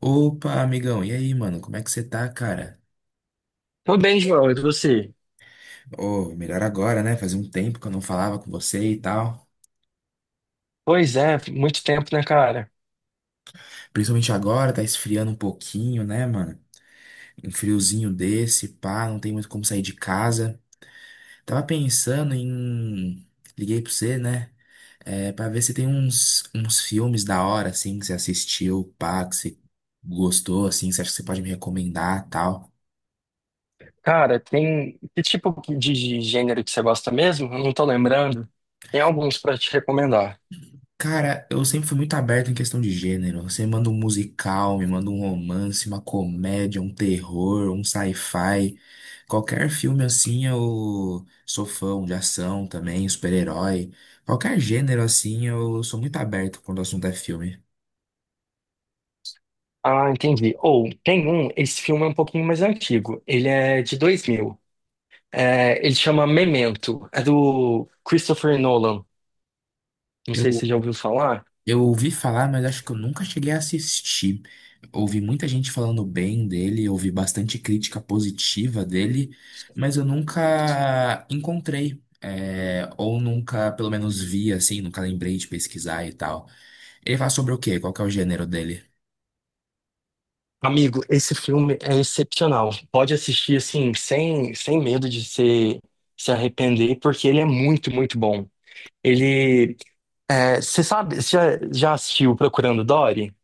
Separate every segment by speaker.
Speaker 1: Opa, amigão, e aí, mano? Como é que você tá, cara?
Speaker 2: Tô bem, João, e você?
Speaker 1: Ô, melhor agora, né? Fazia um tempo que eu não falava com você e tal.
Speaker 2: Pois é, muito tempo, né, cara?
Speaker 1: Principalmente agora, tá esfriando um pouquinho, né, mano? Um friozinho desse, pá, não tem muito como sair de casa. Tava pensando em. Liguei pra você, né? É, pra ver se tem uns filmes da hora, assim, que você assistiu, pá, que você gostou, assim, que você acha que você pode me recomendar, tal.
Speaker 2: Cara, tem. Que tipo de gênero que você gosta mesmo? Eu não tô lembrando. Tem alguns pra te recomendar.
Speaker 1: Cara, eu sempre fui muito aberto em questão de gênero. Você manda um musical, me manda um romance, uma comédia, um terror, um sci-fi. Qualquer filme assim eu sou fã, um de ação também, super-herói. Qualquer gênero assim eu sou muito aberto quando o assunto é filme.
Speaker 2: Ah, entendi. Ou, tem um, esse filme é um pouquinho mais antigo. Ele é de 2000. É, ele chama Memento. É do Christopher Nolan. Não sei se
Speaker 1: Eu
Speaker 2: você já ouviu falar.
Speaker 1: Eu ouvi falar, mas acho que eu nunca cheguei a assistir. Ouvi muita gente falando bem dele, ouvi bastante crítica positiva dele, mas eu nunca encontrei, é, ou nunca, pelo menos, vi assim, nunca lembrei de pesquisar e tal. Ele fala sobre o quê? Qual que é o gênero dele?
Speaker 2: Amigo, esse filme é excepcional. Pode assistir assim, sem medo de se arrepender, porque ele é muito, muito bom. Ele. Você sabe, você já assistiu Procurando Dory?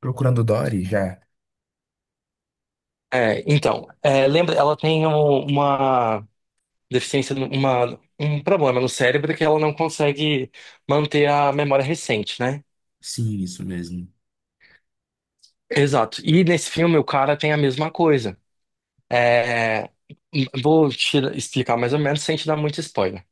Speaker 1: Procurando Dory já.
Speaker 2: É, então, é, lembra, ela tem uma deficiência, um problema no cérebro que ela não consegue manter a memória recente, né?
Speaker 1: Sim, isso mesmo.
Speaker 2: Exato. E nesse filme o cara tem a mesma coisa. É, vou te explicar mais ou menos sem te dar muito spoiler.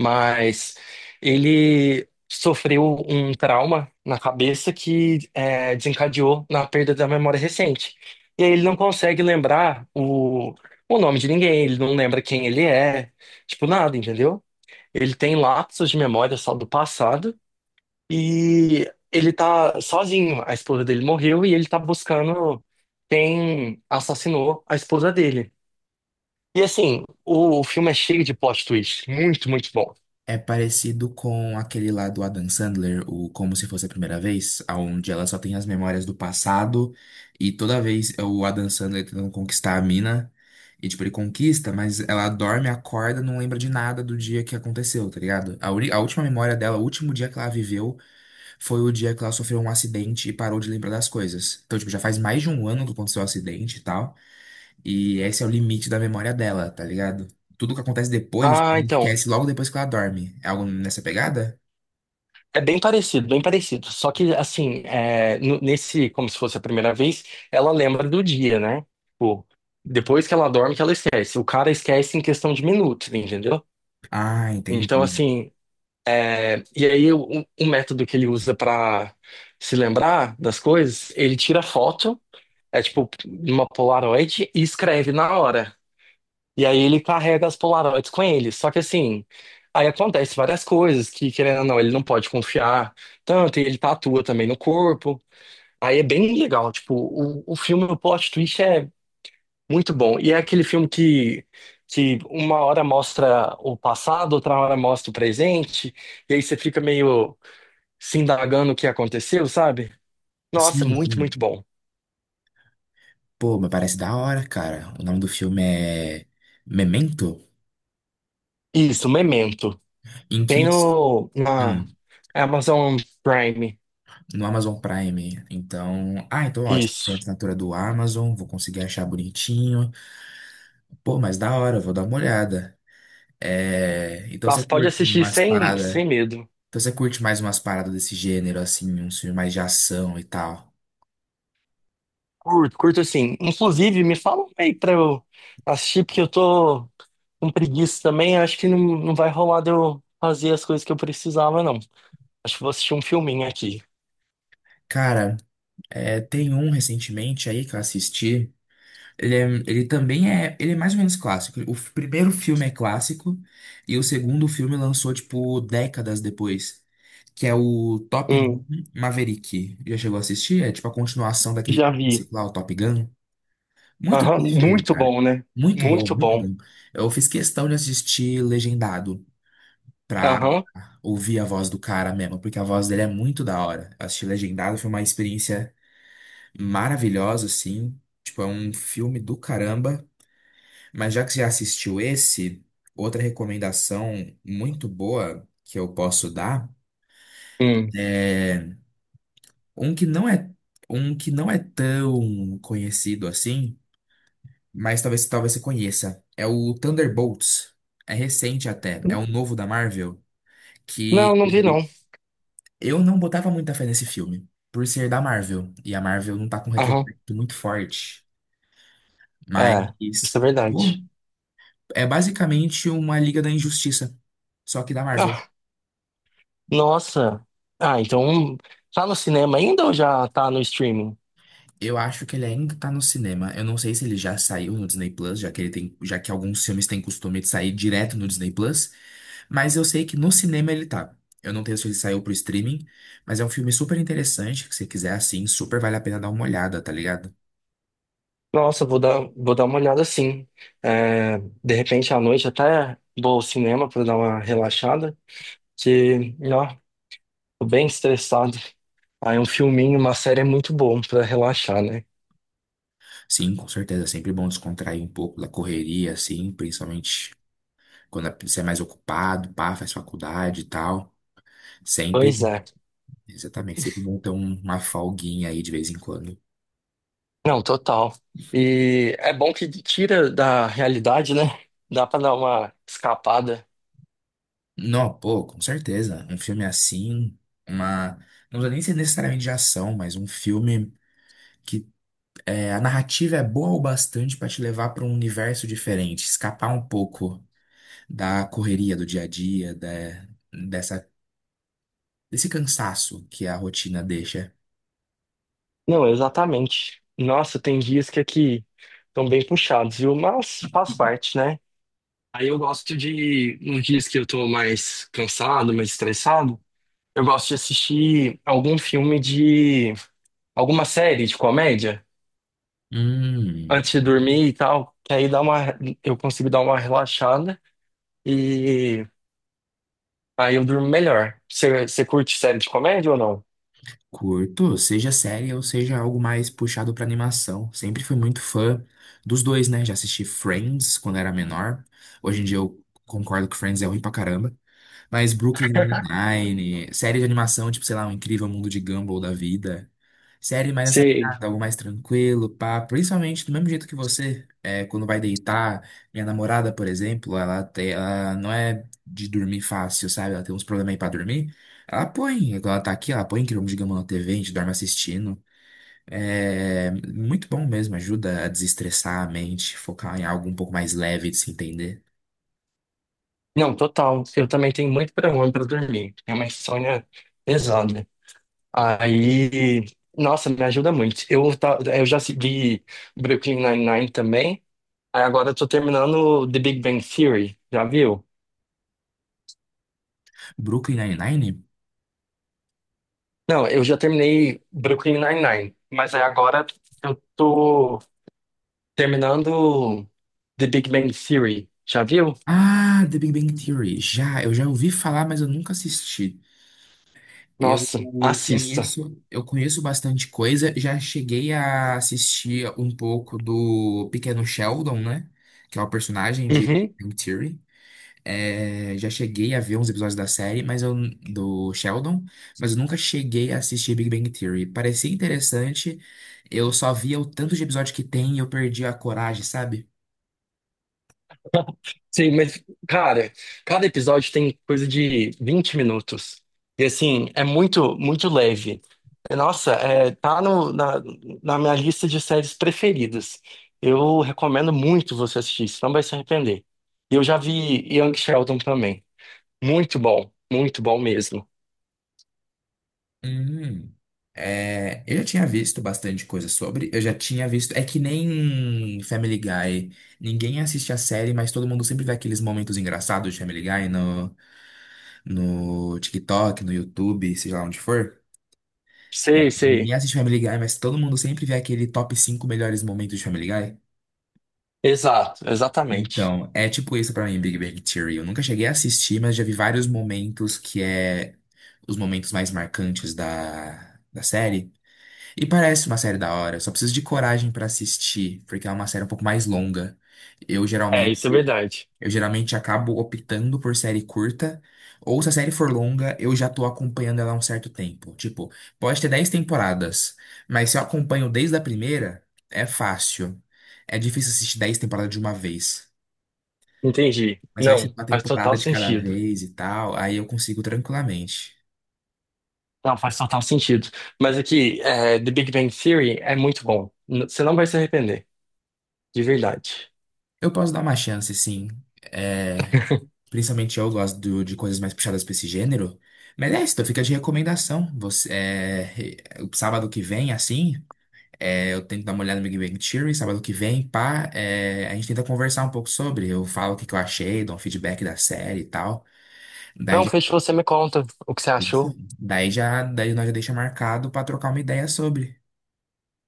Speaker 2: Mas ele sofreu um trauma na cabeça que desencadeou na perda da memória recente. E aí ele não consegue lembrar o nome de ninguém, ele não lembra quem ele é, tipo nada, entendeu? Ele tem lapsos de memória só do passado e ele tá sozinho. A esposa dele morreu e ele tá buscando quem assassinou a esposa dele. E assim, o filme é cheio de plot twist, muito, muito bom.
Speaker 1: É parecido com aquele lá do Adam Sandler, o Como Se Fosse a Primeira Vez, onde ela só tem as memórias do passado e toda vez é o Adam Sandler tentando conquistar a mina. E, tipo, ele conquista, mas ela dorme, acorda, não lembra de nada do dia que aconteceu, tá ligado? A última memória dela, o último dia que ela viveu, foi o dia que ela sofreu um acidente e parou de lembrar das coisas. Então, tipo, já faz mais de um ano que aconteceu o acidente e tal. E esse é o limite da memória dela, tá ligado? Tudo que acontece depois,
Speaker 2: Ah,
Speaker 1: ela
Speaker 2: então.
Speaker 1: esquece logo depois que ela dorme. É algo nessa pegada?
Speaker 2: É bem parecido, bem parecido. Só que, assim, é, nesse, como se fosse a primeira vez, ela lembra do dia, né? Tipo, depois que ela dorme, que ela esquece. O cara esquece em questão de minutos, entendeu?
Speaker 1: Ah,
Speaker 2: Então,
Speaker 1: entendi.
Speaker 2: assim, e aí o método que ele usa pra se lembrar das coisas, ele tira foto, é tipo uma Polaroid e escreve na hora. E aí ele carrega as Polaroids com ele. Só que assim, aí acontece várias coisas que, querendo ou não, ele não pode confiar tanto, e ele tatua também no corpo. Aí é bem legal, tipo, o filme, o plot twist é muito bom. E é aquele filme que uma hora mostra o passado, outra hora mostra o presente, e aí você fica meio se indagando o que aconteceu, sabe? Nossa,
Speaker 1: Sim,
Speaker 2: muito,
Speaker 1: sim.
Speaker 2: muito bom.
Speaker 1: Pô, mas parece da hora, cara. O nome do filme é Memento?
Speaker 2: Isso, Memento.
Speaker 1: Em
Speaker 2: Tem
Speaker 1: que.
Speaker 2: no, na
Speaker 1: Hum,
Speaker 2: Amazon Prime.
Speaker 1: no Amazon Prime. Então. Ah, então ótimo. Tem a
Speaker 2: Isso.
Speaker 1: assinatura do Amazon, vou conseguir achar bonitinho. Pô, mas da hora, vou dar uma olhada. É, então você
Speaker 2: Nossa, pode
Speaker 1: curte
Speaker 2: assistir
Speaker 1: umas paradas.
Speaker 2: sem medo.
Speaker 1: Então você curte mais umas paradas desse gênero, assim, uns filmes mais de ação e tal.
Speaker 2: Curto, curto assim. Inclusive, me fala um aí pra eu assistir, porque eu tô com preguiça também. Acho que não vai rolar de eu fazer as coisas que eu precisava, não. Acho que vou assistir um filminho aqui.
Speaker 1: Cara, é, tem um recentemente aí que eu assisti. Ele, é- ele também é. Ele é mais ou menos clássico. Primeiro filme é clássico e o segundo filme lançou, tipo, décadas depois. Que é o Top Gun
Speaker 2: Hum,
Speaker 1: Maverick. Já chegou a assistir? É tipo a continuação daquele
Speaker 2: já vi.
Speaker 1: clássico lá, o Top Gun. Muito bom
Speaker 2: Aham,
Speaker 1: esse filme,
Speaker 2: muito
Speaker 1: cara.
Speaker 2: bom, né?
Speaker 1: Muito bom,
Speaker 2: Muito
Speaker 1: muito
Speaker 2: bom.
Speaker 1: bom. Eu fiz questão de assistir legendado, pra
Speaker 2: Aham.
Speaker 1: ouvir a voz do cara mesmo, porque a voz dele é muito da hora. Assistir legendado foi uma experiência maravilhosa, assim. Tipo, é um filme do caramba. Mas já que você já assistiu esse, outra recomendação muito boa que eu posso dar
Speaker 2: Hum.
Speaker 1: é um que não é um que não é tão conhecido assim, mas talvez você conheça. É o Thunderbolts. É recente até, é um novo da Marvel
Speaker 2: Não,
Speaker 1: que
Speaker 2: não vi, não.
Speaker 1: eu não botava muita fé nesse filme, por ser da Marvel. E a Marvel não tá com um
Speaker 2: Aham.
Speaker 1: retrospecto muito forte. Mas,
Speaker 2: É, isso é
Speaker 1: pô,
Speaker 2: verdade.
Speaker 1: é basicamente uma Liga da Injustiça, só que da Marvel.
Speaker 2: Ah, nossa. Ah, então tá no cinema ainda ou já tá no streaming?
Speaker 1: Eu acho que ele ainda tá no cinema. Eu não sei se ele já saiu no Disney Plus, já que ele tem, já que alguns filmes têm costume de sair direto no Disney Plus. Mas eu sei que no cinema ele tá. Eu não tenho se ele saiu pro streaming, mas é um filme super interessante, que se você quiser assim, super vale a pena dar uma olhada, tá ligado?
Speaker 2: Nossa, vou dar uma olhada sim. É, de repente à noite até vou ao cinema para dar uma relaxada, que, ó, tô bem estressado. Aí um filminho, uma série é muito bom para relaxar, né?
Speaker 1: Sim, com certeza. É sempre bom descontrair um pouco da correria, assim, principalmente quando é, você é mais ocupado, pá, faz faculdade e tal.
Speaker 2: Pois
Speaker 1: Sempre,
Speaker 2: é.
Speaker 1: exatamente, sempre bom ter uma folguinha aí de vez em quando.
Speaker 2: Não, total. E é bom que tira da realidade, né? Dá para dar uma escapada.
Speaker 1: Não, pô, com certeza. Um filme assim, uma. Não precisa nem ser necessariamente de ação, mas um filme que é, a narrativa é boa o bastante pra te levar pra um universo diferente, escapar um pouco da correria do dia a dia, da, dessa, desse cansaço que a rotina deixa.
Speaker 2: Não, exatamente. Nossa, tem dias que aqui estão bem puxados, viu? Mas faz parte, né? Aí eu gosto de, nos dias que eu tô mais cansado, mais estressado, eu gosto de assistir algum filme de, alguma série de comédia
Speaker 1: Hum,
Speaker 2: antes de dormir e tal, que aí dá uma, eu consigo dar uma relaxada e aí eu durmo melhor. Você, você curte série de comédia ou não?
Speaker 1: Curto, seja série ou seja algo mais puxado pra animação. Sempre fui muito fã dos dois, né? Já assisti Friends quando era menor. Hoje em dia eu concordo que Friends é ruim pra caramba. Mas Brooklyn Nine-Nine, série de animação, tipo, sei lá, O Incrível Mundo de Gumball da vida. Série mais essa
Speaker 2: Você,
Speaker 1: pegada, algo mais tranquilo, pá. Principalmente do mesmo jeito que você, é, quando vai deitar. Minha namorada, por exemplo, ela, tem, ela não é de dormir fácil, sabe? Ela tem uns problemas aí pra dormir. Ela põe, quando ela tá aqui, ela põe Incrível Mundo de Gumball na TV, a gente dorme assistindo. É muito bom mesmo, ajuda a desestressar a mente, focar em algo um pouco mais leve de se entender.
Speaker 2: não, total. Eu também tenho muito problema pra dormir. É uma insônia pesada. Aí, nossa, me ajuda muito. Eu já segui Brooklyn Nine-Nine também. Aí agora eu tô terminando The Big Bang Theory, já viu?
Speaker 1: Brooklyn Nine-Nine.
Speaker 2: Não, eu já terminei Brooklyn Nine-Nine, mas aí agora eu tô terminando The Big Bang Theory, já viu?
Speaker 1: Ah, The Big Bang Theory. Já, eu já ouvi falar, mas eu nunca assisti. Eu
Speaker 2: Nossa, assista.
Speaker 1: eu conheço bastante coisa. Já cheguei a assistir um pouco do Pequeno Sheldon, né? Que é o personagem de Big
Speaker 2: Uhum.
Speaker 1: Bang Theory. É, já cheguei a ver uns episódios da série, mas eu, do Sheldon, mas eu nunca cheguei a assistir Big Bang Theory. Parecia interessante, eu só via o tanto de episódio que tem e eu perdi a coragem, sabe?
Speaker 2: Sim, mas, cara, cada episódio tem coisa de 20 minutos. E, assim, é muito, muito leve. É, nossa, é, tá no, na minha lista de séries preferidas. Eu recomendo muito você assistir, você não vai se arrepender. E eu já vi Young Sheldon também. Muito bom mesmo.
Speaker 1: Hum. É, eu já tinha visto bastante coisa sobre, eu já tinha visto. É que nem Family Guy. Ninguém assiste a série, mas todo mundo sempre vê aqueles momentos engraçados de Family Guy no, no TikTok, no YouTube, seja lá onde for.
Speaker 2: Sei,
Speaker 1: Ninguém
Speaker 2: sei.
Speaker 1: assiste Family Guy, mas todo mundo sempre vê aquele top 5 melhores momentos de Family Guy.
Speaker 2: Exato, exatamente.
Speaker 1: Então, é tipo isso pra mim, Big Bang Theory. Eu nunca cheguei a assistir, mas já vi vários momentos que é os momentos mais marcantes da série. E parece uma série da hora, só preciso de coragem pra assistir, porque é uma série um pouco mais longa. Eu
Speaker 2: É,
Speaker 1: geralmente,
Speaker 2: isso é verdade.
Speaker 1: eu geralmente acabo optando por série curta, ou se a série for longa, eu já tô acompanhando ela há um certo tempo. Tipo, pode ter 10 temporadas, mas se eu acompanho desde a primeira, é fácil. É difícil assistir 10 temporadas de uma vez,
Speaker 2: Entendi.
Speaker 1: mas vai ser
Speaker 2: Não,
Speaker 1: uma
Speaker 2: faz
Speaker 1: temporada
Speaker 2: total
Speaker 1: de cada
Speaker 2: sentido.
Speaker 1: vez e tal, aí eu consigo tranquilamente.
Speaker 2: Não, faz total sentido. Mas aqui, é, The Big Bang Theory é muito bom. Você não vai se arrepender, de verdade.
Speaker 1: Eu posso dar uma chance, sim. É, principalmente eu gosto do- de coisas mais puxadas pra esse gênero. Mas é isso, então fica de recomendação. Você, é, o sábado que vem, assim, é, eu tento dar uma olhada no Big Bang Theory. Sábado que vem, pá, é, a gente tenta conversar um pouco sobre. Eu falo o que que eu achei, dou um feedback da série e tal. Daí,
Speaker 2: Não,
Speaker 1: já-
Speaker 2: fechou, você me conta o que você
Speaker 1: é isso,
Speaker 2: achou.
Speaker 1: daí já, daí nós já deixa marcado pra trocar uma ideia sobre.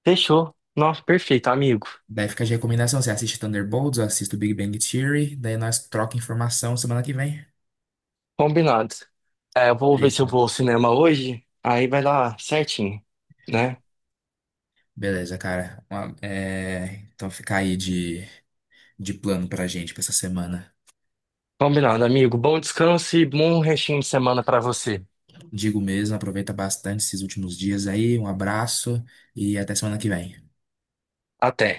Speaker 2: Fechou. Nossa, perfeito, amigo.
Speaker 1: Daí fica de recomendação. Você assiste Thunderbolts, eu assisto Big Bang Theory. Daí nós troca informação semana que vem.
Speaker 2: Combinado. É, eu vou ver se eu
Speaker 1: Feito.
Speaker 2: vou ao cinema hoje, aí vai dar certinho, né?
Speaker 1: Beleza, cara. É, então fica aí de. De plano pra gente pra essa semana.
Speaker 2: Combinado, amigo. Bom descanso e bom restinho de semana pra você.
Speaker 1: Digo mesmo, aproveita bastante esses últimos dias aí. Um abraço e até semana que vem.
Speaker 2: Até.